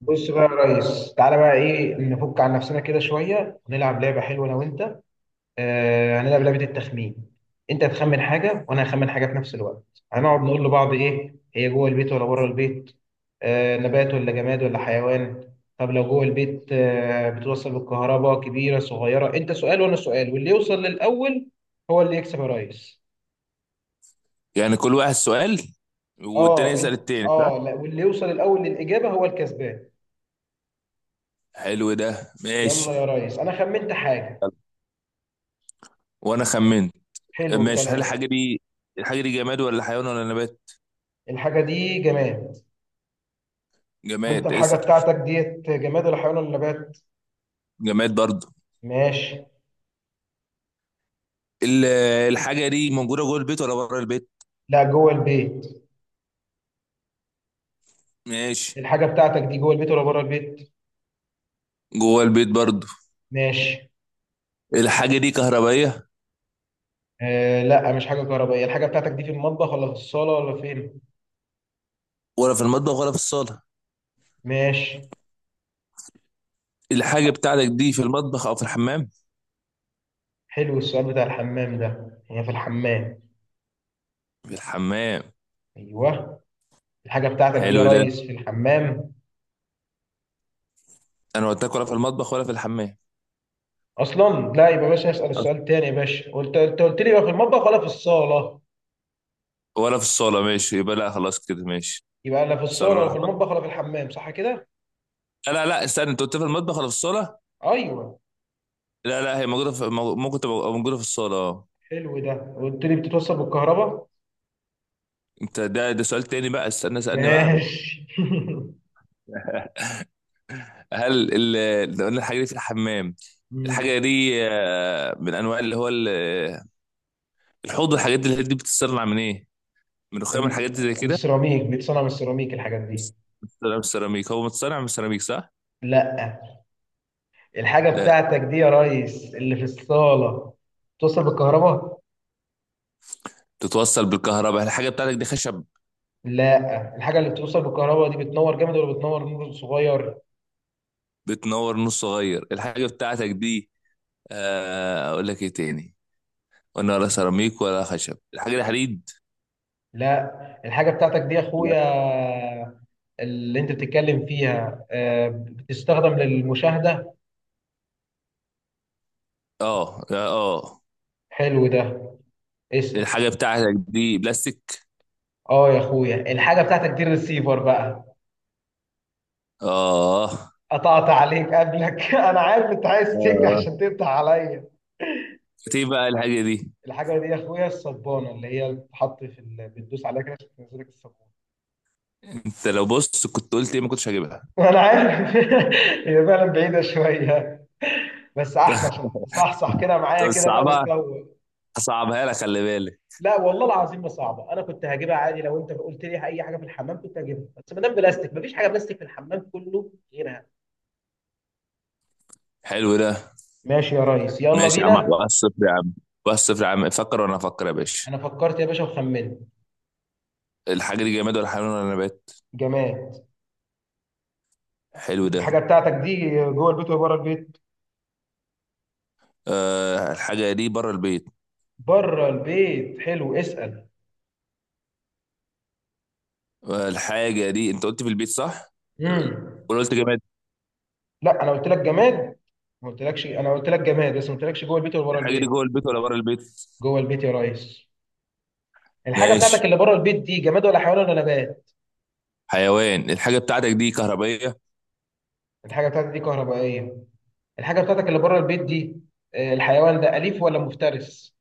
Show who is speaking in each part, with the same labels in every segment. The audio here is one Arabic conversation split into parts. Speaker 1: بص بقى يا ريس، تعالى بقى. ايه، نفك عن نفسنا كده شويه ونلعب لعبه حلوه انا وانت. هنلعب لعبه التخمين. انت تخمن حاجه وانا هخمن حاجه في نفس الوقت. هنقعد نقول لبعض ايه هي، جوه البيت ولا بره البيت، نبات ولا جماد ولا حيوان. طب لو جوه البيت بتوصل بالكهرباء، كبيره صغيره. انت سؤال وانا سؤال، واللي يوصل للاول هو اللي يكسب يا ريس.
Speaker 2: يعني كل واحد سؤال، والتاني
Speaker 1: اه، انت.
Speaker 2: يسأل التاني صح؟
Speaker 1: اه، لا، واللي يوصل الاول للاجابه هو الكسبان.
Speaker 2: حلو ده، ماشي.
Speaker 1: يلا يا ريس، انا خمنت حاجه.
Speaker 2: وانا خمنت.
Speaker 1: حلو
Speaker 2: ماشي، هل
Speaker 1: الكلام.
Speaker 2: الحاجة دي الحاجة دي جماد ولا حيوان ولا نبات؟
Speaker 1: الحاجة دي جماد. وانت
Speaker 2: جماد،
Speaker 1: الحاجة
Speaker 2: اسأل.
Speaker 1: بتاعتك ديت جماد ولا حيوان ولا نبات؟
Speaker 2: جماد برضه.
Speaker 1: ماشي.
Speaker 2: ال- الحاجة دي موجودة جوه البيت ولا بره البيت؟
Speaker 1: لا، جوه البيت.
Speaker 2: ماشي.
Speaker 1: الحاجة بتاعتك دي جوه البيت ولا بره البيت؟
Speaker 2: جوه البيت برضه.
Speaker 1: ماشي.
Speaker 2: الحاجة دي كهربائية؟
Speaker 1: آه، لا، مش حاجة كهربائية. الحاجة بتاعتك دي في المطبخ ولا في الصالة ولا فين؟
Speaker 2: ولا في المطبخ ولا في الصالة؟
Speaker 1: ماشي.
Speaker 2: الحاجة بتاعتك دي في المطبخ أو في الحمام؟
Speaker 1: حلو السؤال بتاع الحمام ده. هي في الحمام.
Speaker 2: في الحمام.
Speaker 1: ايوه. الحاجة بتاعتك دي يا
Speaker 2: حلو ده.
Speaker 1: ريس في الحمام.
Speaker 2: أنا قلت لك ولا في المطبخ ولا في الحمام
Speaker 1: اصلا لا، يبقى باشا اسأل السؤال تاني يا باشا. انت قلت لي يبقى في المطبخ ولا في الصالة.
Speaker 2: ولا في الصالة، ماشي يبقى لا، خلاص كده ماشي.
Speaker 1: يبقى لا في الصالة ولا في
Speaker 2: صرح.
Speaker 1: المطبخ ولا في الحمام، صح كده؟
Speaker 2: لا لا لا استنى، انت قلت في المطبخ ولا في الصاله.
Speaker 1: ايوه.
Speaker 2: لا لا، هي موجوده في ممكن تبقى موجوده في الصاله، اه.
Speaker 1: حلو ده. قلت لي بتتوصل بالكهرباء.
Speaker 2: انت ده سؤال تاني بقى، استنى سألني بعده.
Speaker 1: ماشي.
Speaker 2: هل اللي قلنا الحاجه دي في الحمام،
Speaker 1: مم.
Speaker 2: الحاجه دي آه، من انواع اللي هو الحوض والحاجات دي، الحاجات دي بتتصنع من ايه؟ من رخام الحاجات
Speaker 1: ال-
Speaker 2: دي زي
Speaker 1: من
Speaker 2: كده؟
Speaker 1: السيراميك، بيتصنع من السيراميك الحاجات دي.
Speaker 2: بس- بتتصنع من السيراميك، هو متصنع من السيراميك صح؟
Speaker 1: لا. الحاجة
Speaker 2: لا.
Speaker 1: بتاعتك دي يا ريس اللي في الصالة بتوصل بالكهرباء.
Speaker 2: بتتوصل بالكهرباء، الحاجه بتاعتك دي خشب؟
Speaker 1: لا. الحاجة اللي بتوصل بالكهرباء دي بتنور جامد ولا بتنور نور صغير؟
Speaker 2: بتنور نور صغير الحاجه بتاعتك دي، آه، اقول لك ايه تاني، قلنا ولا سيراميك ولا خشب، الحاجه دي حديد؟
Speaker 1: لا. الحاجة بتاعتك دي يا
Speaker 2: لا.
Speaker 1: اخويا، اللي انت بتتكلم فيها بتستخدم للمشاهدة.
Speaker 2: اه لا، اه.
Speaker 1: حلو ده. اسأل.
Speaker 2: الحاجة بتاعتك دي بلاستيك؟
Speaker 1: اه يا اخويا، الحاجة بتاعتك دي الريسيفر بقى.
Speaker 2: اه.
Speaker 1: قطعت عليك قبلك. انا عارف انت عايز تجري
Speaker 2: اه
Speaker 1: عشان تقطع عليا.
Speaker 2: كانت ايه بقى الحاجة دي؟
Speaker 1: الحاجه دي يا اخويا الصبانه اللي هي بتتحط بتدوس عليها كده عشان تنزلك الصابون.
Speaker 2: انت لو بص كنت قلت ايه ما كنتش هجيبها.
Speaker 1: انا عارف. هي فعلا بعيده شويه، بس احسن عشان تصحصح كده معايا
Speaker 2: طب
Speaker 1: كده بقى
Speaker 2: صعبها،
Speaker 1: وتفوق.
Speaker 2: هصعبها لك خلي بالك.
Speaker 1: لا والله العظيم ما صعبه، انا كنت هجيبها عادي. لو انت قلت لي اي حاجه في الحمام كنت هجيبها، بس ما دام بلاستيك، مفيش حاجه بلاستيك في الحمام كله غيرها.
Speaker 2: حلو ده.
Speaker 1: ماشي يا ريس، يلا
Speaker 2: ماشي يا عم،
Speaker 1: بينا.
Speaker 2: واحد صفر يا عم، واحد صفر يا عم. فكر وانا افكر يا باشا.
Speaker 1: انا فكرت يا باشا وخمنت.
Speaker 2: الحاجة دي جماد ولا حيوان ولا نبات؟
Speaker 1: جماد.
Speaker 2: حلو ده.
Speaker 1: الحاجه بتاعتك دي جوه البيت ولا بره البيت؟
Speaker 2: آه الحاجة دي بره البيت.
Speaker 1: بره البيت. حلو. اسال.
Speaker 2: آه الحاجة دي انت قلت في البيت صح؟
Speaker 1: امم.
Speaker 2: ولا قلت جماد؟
Speaker 1: لا، انا قلت لك جماد. ما قلتلكش. انا قلت لك جماد بس ما قلتلكش جوه البيت ولا بره
Speaker 2: الحاجة دي
Speaker 1: البيت.
Speaker 2: جوه البيت ولا بره البيت؟
Speaker 1: جوه البيت يا ريس. الحاجه بتاعتك
Speaker 2: ماشي.
Speaker 1: اللي بره البيت دي جماد ولا حيوان ولا نبات؟
Speaker 2: حيوان. الحاجة بتاعتك دي كهربائية؟
Speaker 1: الحاجه بتاعتك دي كهربائيه. الحاجه بتاعتك اللي بره البيت دي، الحيوان ده اليف ولا مفترس؟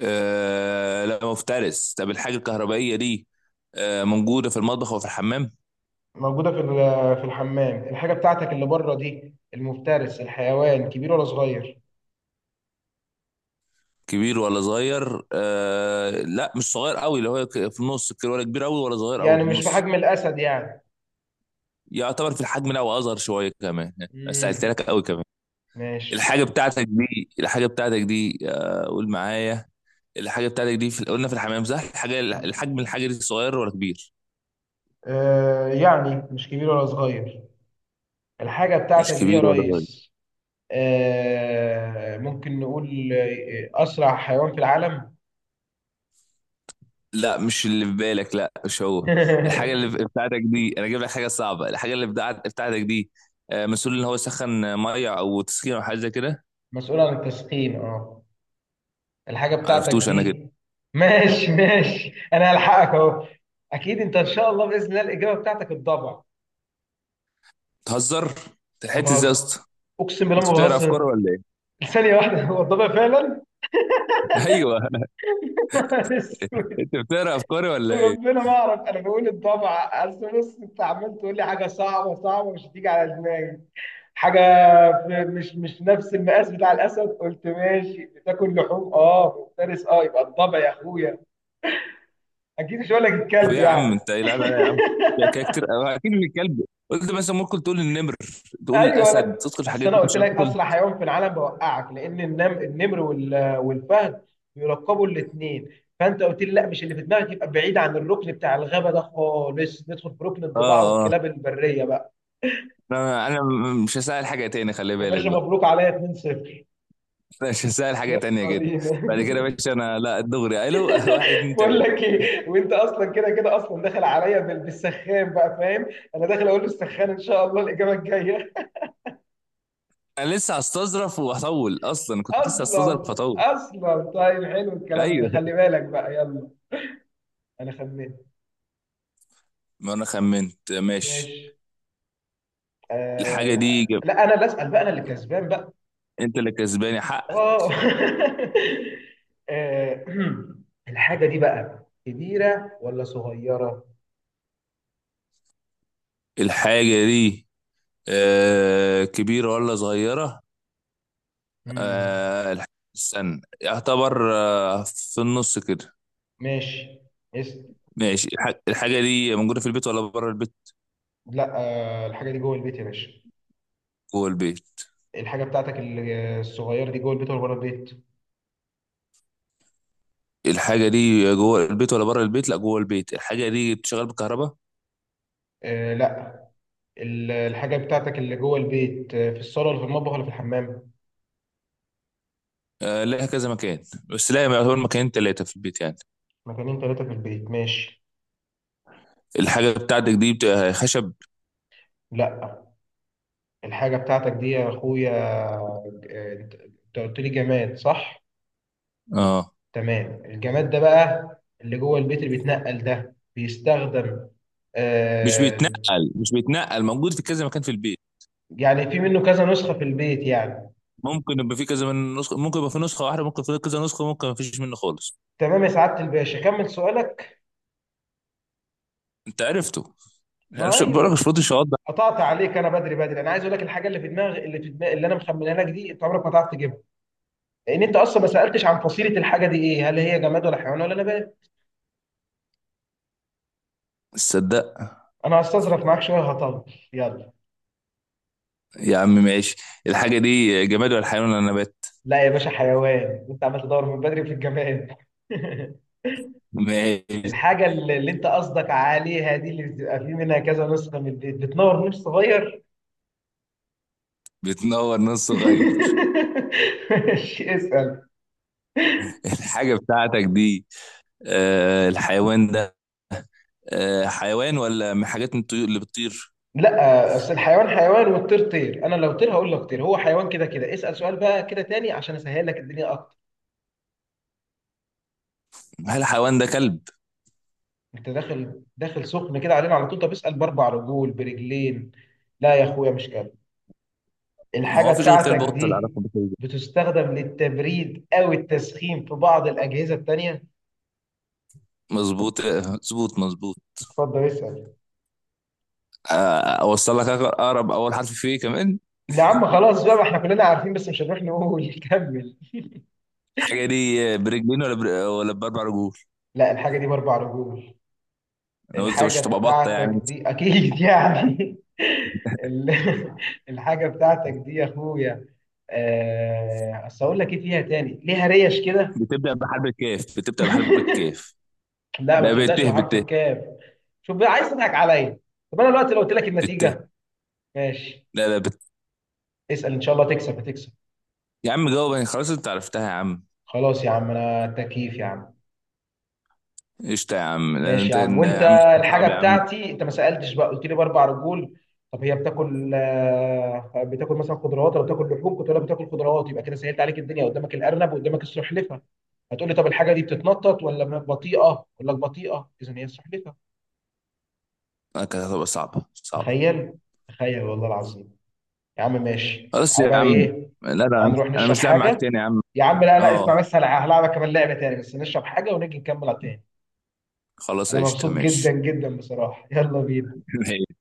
Speaker 2: آه لا مفترس. طب الحاجة الكهربائية دي آه موجودة في المطبخ وفي الحمام.
Speaker 1: موجوده في في الحمام. الحاجه بتاعتك اللي بره دي المفترس، الحيوان كبير ولا صغير؟
Speaker 2: كبير ولا صغير؟ آه لا مش صغير قوي، اللي هو في النص كده، ولا كبير قوي ولا صغير قوي،
Speaker 1: يعني
Speaker 2: في
Speaker 1: مش في
Speaker 2: النص.
Speaker 1: حجم الاسد يعني.
Speaker 2: يعتبر في الحجم ده واصغر شوية كمان. سألت
Speaker 1: امم.
Speaker 2: لك قوي كمان.
Speaker 1: ماشي.
Speaker 2: الحاجة بتاعتك دي الحاجة بتاعتك دي آه قول معايا، الحاجة بتاعتك دي في قلنا في الحمام صح؟ الحاجة الحجم، الحاجة دي صغير ولا كبير؟
Speaker 1: يعني مش كبير ولا صغير. الحاجة بتاعتك
Speaker 2: مش
Speaker 1: دي يا
Speaker 2: كبير ولا صغير.
Speaker 1: ريس ممكن نقول أسرع حيوان في العالم.
Speaker 2: لا مش اللي في بالك، لا مش هو. الحاجة اللي بتاعتك دي، أنا أجيب لك حاجة صعبة، الحاجة اللي بتاعتك دي آه، مسؤول إن هو يسخن، آه، مية أو تسخين أو حاجة زي كده.
Speaker 1: مسؤول عن التسخين، اه. الحاجة بتاعتك
Speaker 2: معرفتوش أنا كده.
Speaker 1: دي. ماشي، ماشي، أنا هلحقك أهو. أكيد أنت إن شاء الله بإذن الله الإجابة بتاعتك الضبع.
Speaker 2: تهزر.
Speaker 1: ما
Speaker 2: تلحقت إزاي يا
Speaker 1: بهزر،
Speaker 2: اسطى؟
Speaker 1: أقسم بالله
Speaker 2: أنت
Speaker 1: ما
Speaker 2: بتقرا أفكاري
Speaker 1: بهزر.
Speaker 2: ولا إيه؟
Speaker 1: ثانية واحدة، هو الضبع فعلا؟
Speaker 2: أيوه. أنت بتقرا أفكاري ولا إيه؟
Speaker 1: وربنا ما أعرف. أنا بقول الضبع. أصل بص، أنت عمال تقول لي حاجة صعبة، صعبة مش هتيجي على دماغي. حاجه في مش نفس المقاس بتاع الاسد. قلت ماشي، بتاكل لحوم، اه، مفترس، اه، يبقى الضبع يا اخويا. اكيد مش هقول لك
Speaker 2: في إيه
Speaker 1: الكلب
Speaker 2: يا عم
Speaker 1: يعني.
Speaker 2: أنت، لا لا لا يا عم، يا كاركتر أو أكيد من الكلب قلت، مثلا ممكن تقول النمر، تقول
Speaker 1: ايوه،
Speaker 2: الأسد، تدخل
Speaker 1: اصل
Speaker 2: الحاجات
Speaker 1: انا
Speaker 2: دي،
Speaker 1: قلت
Speaker 2: مش
Speaker 1: لك
Speaker 2: هتدخل.
Speaker 1: اسرع حيوان في العالم بوقعك، لان النمر والفهد بيلقبوا الاثنين. فانت قلت لي لا، مش اللي في دماغك، يبقى بعيد عن الركن بتاع الغابه ده خالص، ندخل في ركن الضباع
Speaker 2: آه آه.
Speaker 1: والكلاب البريه بقى.
Speaker 2: أنا مش هسأل حاجة تاني، خلي
Speaker 1: يا
Speaker 2: بالك
Speaker 1: باشا
Speaker 2: بقى.
Speaker 1: مبروك عليا 2-0.
Speaker 2: ماشي، سهل حاجة
Speaker 1: يلا
Speaker 2: تانية كده.
Speaker 1: بينا.
Speaker 2: بعد كده يا باشا انا لا دغري الو. واحد اتنين
Speaker 1: بقول
Speaker 2: تلاتة.
Speaker 1: لك ايه، وانت اصلا كده كده اصلا داخل عليا بالسخان بقى، فاهم. انا داخل اقول له السخان ان شاء الله الاجابه الجايه.
Speaker 2: انا لسه هستظرف وهطول، اصلا كنت لسه هستظرف
Speaker 1: اصلا
Speaker 2: وهطول.
Speaker 1: اصلا طيب، حلو الكلام ده.
Speaker 2: ايوه.
Speaker 1: خلي بالك بقى، يلا. انا خمنت.
Speaker 2: ما انا خمنت، ماشي.
Speaker 1: ماشي. آه،
Speaker 2: الحاجة دي
Speaker 1: لا.
Speaker 2: جب.
Speaker 1: لا، انا اللي اسال بقى، انا اللي كسبان بقى.
Speaker 2: انت اللي كسباني حقك.
Speaker 1: اه. آه، الحاجه دي بقى كبيره ولا صغيره؟
Speaker 2: الحاجة دي آه كبيرة ولا صغيرة؟
Speaker 1: مم.
Speaker 2: آه استنى، يعتبر آه في النص كده.
Speaker 1: ماشي. اسم.
Speaker 2: ماشي، الحاجة دي موجودة في البيت ولا بره البيت؟
Speaker 1: لا، الحاجه دي جوه البيت يا باشا.
Speaker 2: جوه البيت.
Speaker 1: الحاجه بتاعتك الصغيره دي جوه البيت ولا بره البيت؟
Speaker 2: الحاجة دي جوه البيت ولا بره البيت؟ لا جوه البيت، الحاجة دي بتشتغل بالكهرباء؟
Speaker 1: آه، لا. الحاجه بتاعتك اللي جوه البيت في الصاله ولا في المطبخ ولا في الحمام؟
Speaker 2: آه، لها كذا مكان، بس لا، يعتبر مكانين تلاتة في البيت يعني.
Speaker 1: مكانين ثلاثه في البيت، ماشي.
Speaker 2: الحاجة بتاعتك دي بتبقى خشب؟
Speaker 1: لا. الحاجه بتاعتك دي يا اخويا، أنت قلت لي جماد، صح؟
Speaker 2: اه.
Speaker 1: تمام. الجماد ده بقى اللي جوه البيت اللي بيتنقل ده بيستخدم
Speaker 2: مش
Speaker 1: آه
Speaker 2: بيتنقل مش بيتنقل موجود في كذا مكان في البيت.
Speaker 1: يعني في منه كذا نسخه في البيت يعني؟
Speaker 2: ممكن يبقى في كذا من نسخة، ممكن يبقى في نسخة واحدة، ممكن في كذا نسخة، ممكن ما فيش منه خالص.
Speaker 1: تمام يا سعاده الباشا، كمل سؤالك.
Speaker 2: انت عرفته، يعني
Speaker 1: ما
Speaker 2: مش بقولك مش
Speaker 1: ايوه.
Speaker 2: فاضي شواطئ.
Speaker 1: قطعت عليك. انا بدري بدري. انا عايز اقول لك الحاجه اللي في دماغي اللي انا مخمنها لك دي، انت عمرك ما تعرف تجيبها. لان انت اصلا ما سالتش عن فصيله الحاجه دي ايه، هل هي جماد ولا حيوان ولا نبات.
Speaker 2: تصدق.
Speaker 1: انا هستظرف معاك شويه هطول. يلا.
Speaker 2: يا عم ماشي. الحاجة دي جماد ولا حيوان ولا نبات؟
Speaker 1: لا يا باشا، حيوان. انت عمال تدور من بدري في الجماد.
Speaker 2: ماشي.
Speaker 1: الحاجه اللي انت قصدك عليها دي، اللي بتبقى في منها كذا نسخه من البيت بتنور نور صغير.
Speaker 2: بتنور نص صغير.
Speaker 1: ماشي. اسال.
Speaker 2: الحاجة بتاعتك دي آه الحيوان ده آه حيوان ولا من حاجات الطيور اللي بتطير؟
Speaker 1: لا، اصل الحيوان حيوان والطير طير. انا لو طير هقول لك طير. هو حيوان كده كده. اسال سؤال بقى كده تاني عشان اسهل لك الدنيا اكتر.
Speaker 2: هل الحيوان ده كلب؟
Speaker 1: انت داخل داخل سخن كده علينا على طول. طب اسال باربع رجول برجلين. لا يا اخويا، مش كده.
Speaker 2: ما
Speaker 1: الحاجه
Speaker 2: هو فيش غير كلب
Speaker 1: بتاعتك
Speaker 2: قط اللي
Speaker 1: دي
Speaker 2: علاقه بكده.
Speaker 1: بتستخدم للتبريد او التسخين في بعض الاجهزه التانيه.
Speaker 2: مظبوط مظبوط مظبوط.
Speaker 1: اتفضل اسال.
Speaker 2: آه، اوصل لك اقرب اول حرف فيه كمان.
Speaker 1: لا يا عم، خلاص بقى. ما احنا كلنا عارفين، بس مش هنروح نقول. كمل.
Speaker 2: الحاجه دي برجلين ولا ولا باربع رجول؟
Speaker 1: لا، الحاجه دي باربع رجول.
Speaker 2: انا قلت
Speaker 1: الحاجة
Speaker 2: مش تبقى بطه
Speaker 1: بتاعتك
Speaker 2: يعني.
Speaker 1: دي أكيد يعني. ال- الحاجة بتاعتك دي يا أخويا، أصل أقول لك إيه فيها تاني، ليها ريش كده.
Speaker 2: بتبدا بحرف الكاف، بتبدا بحرف الكاف.
Speaker 1: لا، ما
Speaker 2: لا
Speaker 1: بتبدأش
Speaker 2: بته
Speaker 1: بحرف
Speaker 2: بته.
Speaker 1: الكاف. شوف بقى عايز تضحك عليا. طب أنا دلوقتي لو قلت لك
Speaker 2: بته
Speaker 1: النتيجة. ماشي.
Speaker 2: لا لا
Speaker 1: اسأل إن شاء الله تكسب، هتكسب.
Speaker 2: يا عم جاوب يعني، خلاص انت عرفتها يا عم.
Speaker 1: خلاص يا عم، أنا تكييف يا عم.
Speaker 2: قشطة يا عم. لا
Speaker 1: ماشي يا
Speaker 2: انت،
Speaker 1: عم.
Speaker 2: لا
Speaker 1: وانت
Speaker 2: يا عم، انت
Speaker 1: الحاجه
Speaker 2: صعب يا عم.
Speaker 1: بتاعتي انت ما سالتش بقى، قلت لي باربع رجول. طب هي بتاكل مثلا خضروات ولا بتاكل لحوم، كنت اقول لك بتاكل خضروات يبقى كده سهلت عليك الدنيا، قدامك الارنب وقدامك السلحفه. هتقول لي طب الحاجه دي بتتنطط ولا بطيئه، اقول لك بطيئه، اذا هي السلحفه.
Speaker 2: لا، كانت هتبقى صعبة صعبة.
Speaker 1: تخيل، تخيل والله العظيم. يا عم ماشي،
Speaker 2: خلاص
Speaker 1: تعالى
Speaker 2: يا
Speaker 1: بقى
Speaker 2: عم.
Speaker 1: ايه.
Speaker 2: لا
Speaker 1: تعالى
Speaker 2: لا
Speaker 1: نروح
Speaker 2: انا
Speaker 1: نشرب
Speaker 2: مش لاعب معاك
Speaker 1: حاجه
Speaker 2: تاني يا عم.
Speaker 1: يا عم. لا، لا، اسمع
Speaker 2: اه،
Speaker 1: بس. هلعبك كمان لعبه تاني، بس نشرب حاجه ونيجي نكمل على تاني.
Speaker 2: خلاص
Speaker 1: انا
Speaker 2: قشطة
Speaker 1: مبسوط جدا
Speaker 2: ماشي.
Speaker 1: جدا بصراحه، يلا بينا.